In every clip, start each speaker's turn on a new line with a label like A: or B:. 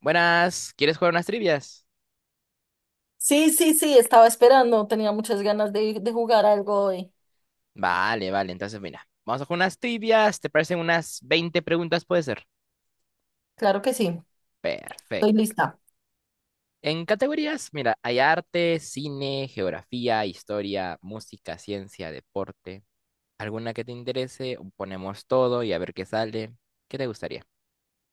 A: Buenas, ¿quieres jugar unas trivias?
B: Sí, sí, sí, estaba esperando, tenía muchas ganas de jugar algo hoy.
A: Vale, vale, entonces mira, vamos a jugar unas trivias, ¿te parecen unas 20 preguntas puede ser?
B: Claro que sí, estoy
A: Perfecto.
B: lista.
A: En categorías, mira, hay arte, cine, geografía, historia, música, ciencia, deporte. ¿Alguna que te interese? Ponemos todo y a ver qué sale. ¿Qué te gustaría?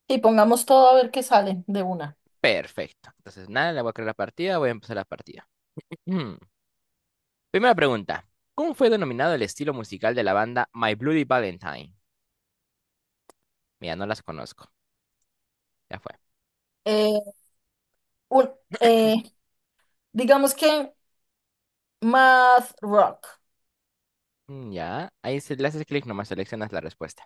B: Y pongamos todo a ver qué sale de una.
A: Perfecto. Entonces, nada, le voy a crear la partida, voy a empezar la partida. Ujú. Primera pregunta. ¿Cómo fue denominado el estilo musical de la banda My Bloody Valentine? Mira, no las conozco. Ya.
B: Eh, un- eh, digamos que Math Rock.
A: Mm. Ya, ahí le haces clic, nomás seleccionas la respuesta.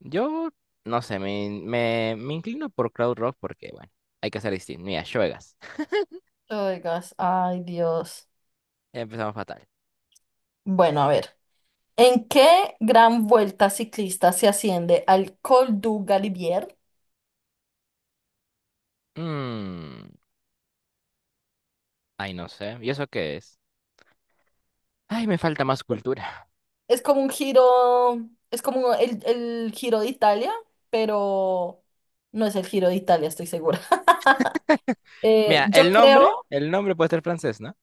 A: Yo, no sé, me inclino por Cloud Rock porque, bueno, hay que ser distinto. Mira, Shoegaze.
B: Oigas, ay Dios.
A: Empezamos fatal.
B: Bueno, a ver. ¿En qué gran vuelta ciclista se asciende al Col du Galibier?
A: Mm, ay, no sé. ¿Y eso qué es? Ay, me falta más cultura.
B: Es como un giro, es como el giro de Italia, pero no es el giro de Italia, estoy segura.
A: Mira,
B: Yo creo.
A: el nombre puede ser francés, ¿no?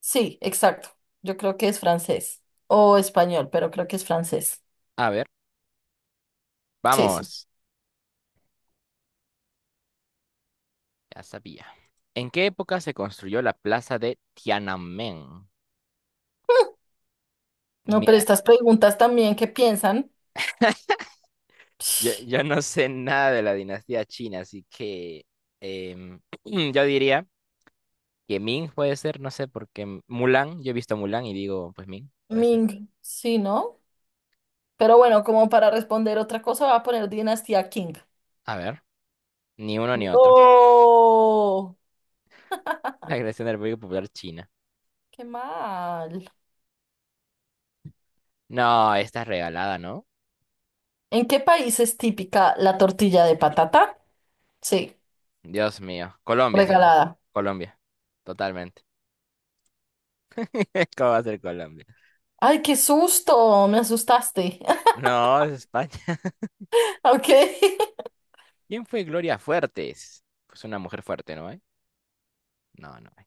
B: Sí, exacto. Yo creo que es francés o español, pero creo que es francés.
A: A ver,
B: Sí, sí.
A: vamos. Ya sabía. ¿En qué época se construyó la plaza de Tiananmen?
B: No, pero
A: Mira,
B: estas preguntas también, ¿qué piensan?
A: yo,
B: Psh,
A: yo no sé nada de la dinastía china, así que em, yo diría. Que Ming puede ser, no sé, porque Mulan, yo he visto Mulan y digo, pues Ming, puede ser.
B: Ming, sí, ¿no? Pero bueno, como para responder otra cosa, va a poner Dinastía King.
A: A ver, ni uno ni otro.
B: No,
A: La creación de la República Popular China.
B: qué mal.
A: No, esta es regalada, ¿no?
B: ¿En qué país es típica la tortilla de patata? Sí,
A: Dios mío. Colombia, ¿sí o no?
B: regalada.
A: Colombia. Totalmente. ¿Cómo va a ser Colombia?
B: Ay, qué susto, me asustaste.
A: No, es España.
B: Ok.
A: ¿Quién fue Gloria Fuertes? Pues una mujer fuerte, ¿no hay? No, no hay.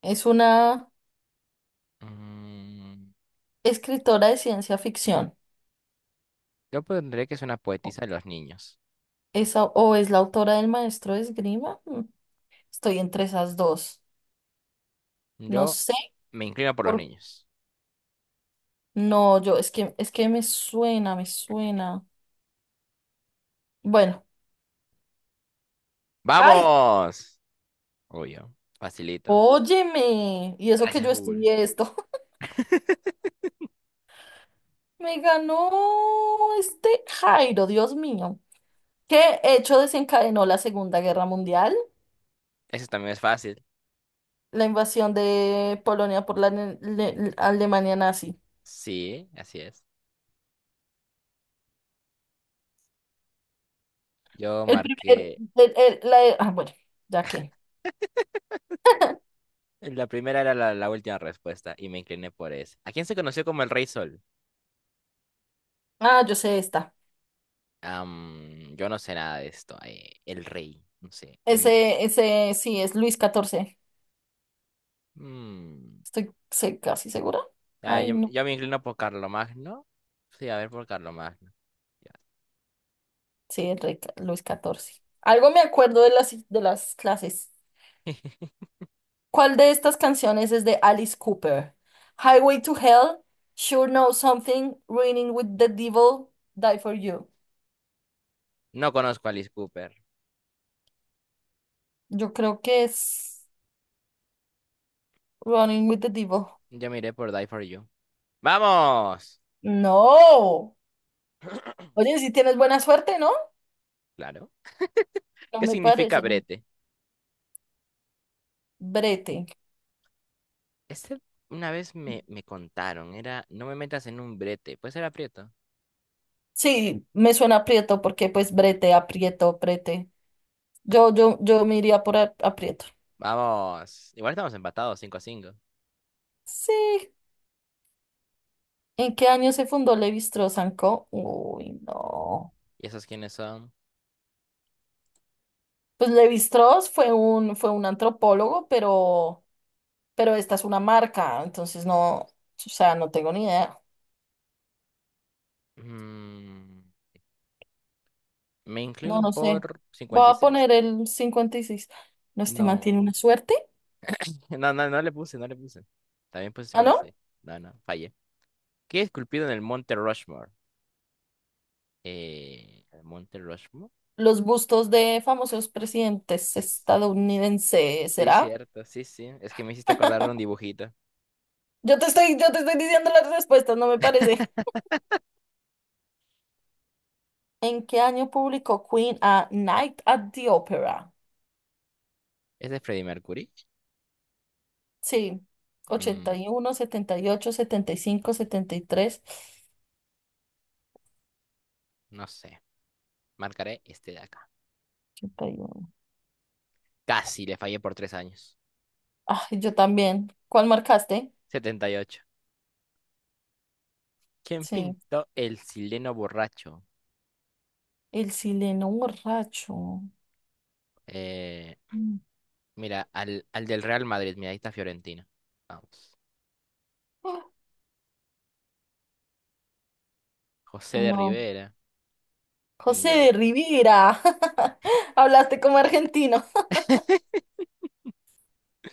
B: Es una
A: Mm,
B: escritora de ciencia ficción.
A: yo pondré que es una poetisa de los niños.
B: Es, o es la autora del maestro de esgrima. Mm, estoy entre esas dos. No
A: Yo
B: sé
A: me inclino por los
B: por...
A: niños.
B: No, yo, es que me suena, me suena. Bueno, ¡ay!
A: ¡Vamos! Obvio. Facilito.
B: Óyeme. Y eso que
A: Gracias,
B: yo
A: Google.
B: estudié esto. Me ganó este Jairo, Dios mío. ¿Qué hecho desencadenó la Segunda Guerra Mundial?
A: Eso también es fácil.
B: La invasión de Polonia por la Alemania nazi.
A: Sí, así es. Yo
B: El primer,
A: marqué.
B: el- la- ah, bueno, ya que.
A: La primera era la última respuesta y me incliné por eso. ¿A quién se conoció como el Rey Sol?
B: Ah, yo sé esta.
A: Yo no sé nada de esto. El Rey, no sé. En mi...
B: Ese sí es Luis XIV.
A: mm,
B: Estoy casi segura.
A: ah,
B: Ay,
A: yo,
B: no.
A: yo me inclino por Carlomagno. Sí, a ver, por Carlomagno. Ya.
B: Sí, es Luis XIV. Algo me acuerdo de las clases. ¿Cuál de estas canciones es de Alice Cooper? Highway to Hell, Sure Know Something, Running with the Devil, Die for You.
A: No conozco a Alice Cooper.
B: Yo creo que es Running with the Devil.
A: Yo miré por Die for You. ¡Vamos!
B: No. Oye, si tienes buena suerte, ¿no?
A: Claro.
B: No
A: ¿Qué
B: me
A: significa
B: parece, ¿no?
A: brete?
B: Brete.
A: Este una vez me contaron, era no me metas en un brete, puede ser aprieto.
B: Sí, me suena aprieto porque pues brete, aprieto, brete. Yo me iría por aprieto.
A: Vamos, igual estamos empatados 5-5.
B: Sí. ¿En qué año se fundó Levi-Strauss Co? Uy, no.
A: ¿Y esos quiénes son?
B: Pues Levi-Strauss fue un antropólogo, pero esta es una marca, entonces no, o sea, no tengo ni idea.
A: Mm, me
B: No,
A: inclino
B: no sé.
A: por
B: Voy
A: cincuenta y
B: a
A: seis
B: poner el 56. No, este man tiene una
A: No,
B: suerte.
A: no, no, no le puse, no le puse. También puse
B: Ah,
A: cincuenta y
B: ¿no?
A: seis No, no, fallé. ¿Qué es esculpido en el Monte Rushmore? ¿El Monte Rushmore?
B: Los bustos de famosos presidentes
A: S-
B: estadounidenses,
A: Sí,
B: ¿será?
A: cierto, sí, sí. Es que me hiciste acordar de un dibujito.
B: Yo te estoy diciendo las respuestas, no me parece. ¿En qué año publicó Queen a Night at the Opera?
A: ¿Es de Freddie Mercury?
B: Sí, ochenta
A: Mm,
B: y uno, setenta setenta setenta ocho, cinco, setenta y tres,
A: no sé. Marcaré este de acá.
B: ochenta y uno.
A: Casi le fallé por 3 años.
B: Ay, yo también. ¿Cuál marcaste?
A: 78. ¿Quién
B: Sí,
A: pintó el sileno borracho?
B: el sileno borracho.
A: Eh,
B: Mm.
A: mira, al del Real Madrid. Mira, ahí está Fiorentina. Vamos.
B: Ah,
A: José de
B: no,
A: Rivera. Y
B: José
A: no.
B: de Rivera. Hablaste como argentino.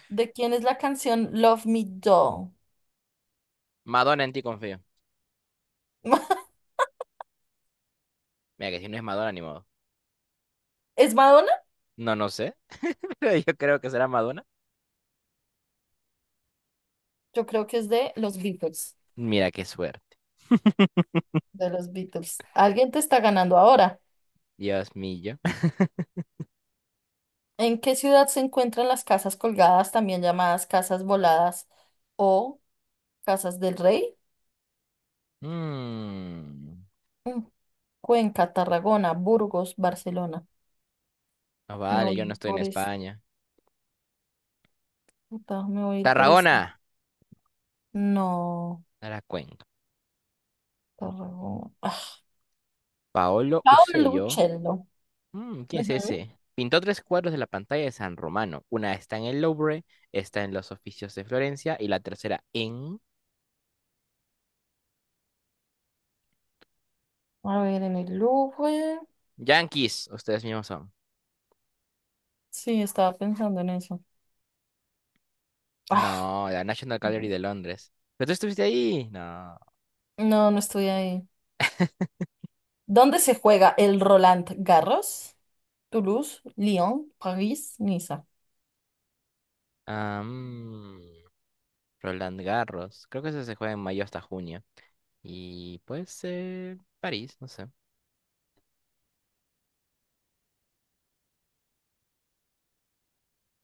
B: ¿De quién es la canción Love Me Do?
A: Madonna en ti confío. Mira, que si no es Madonna, ni modo.
B: ¿Es Madonna?
A: No, no sé. Pero yo creo que será Madonna.
B: Yo creo que es de los Beatles.
A: Mira, qué suerte.
B: De los Beatles. Alguien te está ganando ahora.
A: Dios mío.
B: ¿En qué ciudad se encuentran las casas colgadas, también llamadas casas voladas o casas del rey?
A: Mm.
B: Mm, Cuenca, Tarragona, Burgos, Barcelona.
A: No
B: Me
A: vale,
B: voy
A: yo
B: a
A: no
B: ir
A: estoy en
B: por esto.
A: España.
B: Me voy a ir por esto.
A: Tarragona.
B: No,
A: Era Cuenca.
B: Tarragona. Ah,
A: Paolo
B: Paolo
A: Usello.
B: Uccello.
A: ¿Quién es
B: Ujú.
A: ese? Pintó tres cuadros de la pantalla de San Romano. Una está en el Louvre, está en los oficios de Florencia y la tercera en
B: A ver, en el Louvre.
A: Yankees. Ustedes mismos son.
B: Sí, estaba pensando en eso. Ah,
A: No, la National Gallery de Londres. ¿Pero tú estuviste ahí? No.
B: no, no estoy ahí. ¿Dónde se juega el Roland Garros? Toulouse, Lyon, París, Niza.
A: Ah, Roland Garros. Creo que eso se juega en mayo hasta junio. Y pues París, no sé.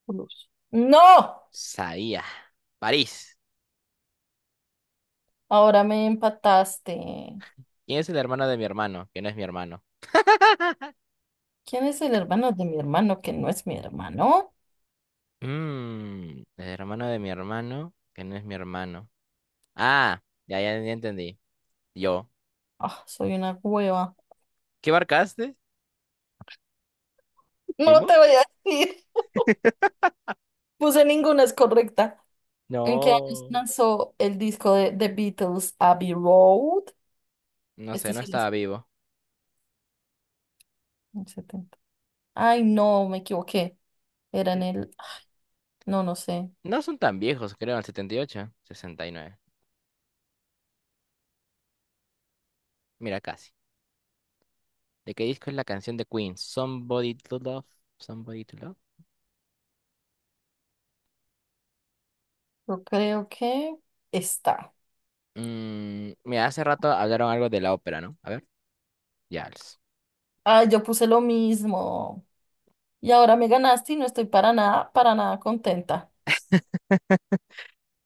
B: Toulouse. ¡No!
A: Sabía. París.
B: Ahora me empataste.
A: ¿Quién es el hermano de mi hermano? Que no es mi hermano.
B: ¿Quién es el hermano de mi hermano que no es mi hermano?
A: El hermano de mi hermano, que no es mi hermano. Ah, ya, ya, ya entendí. Yo.
B: Ah, soy una hueva.
A: ¿Qué marcaste?
B: No
A: ¿Primo?
B: te voy a decir. Puse ninguna es correcta. ¿En qué años
A: No.
B: lanzó el disco de The Beatles Abbey Road?
A: No sé,
B: Este
A: no
B: sí lo sé.
A: estaba vivo.
B: El 70. Ay, no, me equivoqué. Era en
A: N-
B: el. No, no sé.
A: No son tan viejos, creo, el 78, 69. Mira, casi. ¿De qué disco es la canción de Queen? Somebody to Love. Somebody to Love.
B: Yo creo que está.
A: Mira, hace rato hablaron algo de la ópera, ¿no? A ver, ya.
B: Ay, yo puse lo mismo. Y ahora me ganaste y no estoy para nada contenta,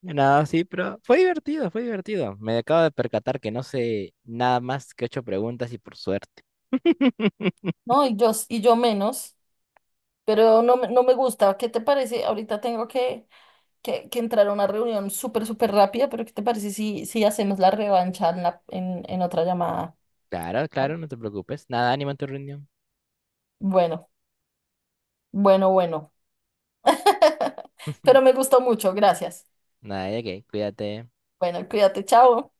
A: Nada, sí, pero fue divertido, fue divertido. Me acabo de percatar que no sé nada más que ocho preguntas y por suerte.
B: ¿no? Y yo, y yo menos, pero no, no me gusta. ¿Qué te parece? Ahorita tengo que entrar a una reunión súper, súper rápida, pero ¿qué te parece si hacemos la revancha en otra llamada?
A: Claro, claro, no te preocupes. Nada, ánimo en tu reunión.
B: Bueno, bueno. Pero me gustó mucho, gracias.
A: Nada de qué, cuídate.
B: Bueno, cuídate, chao.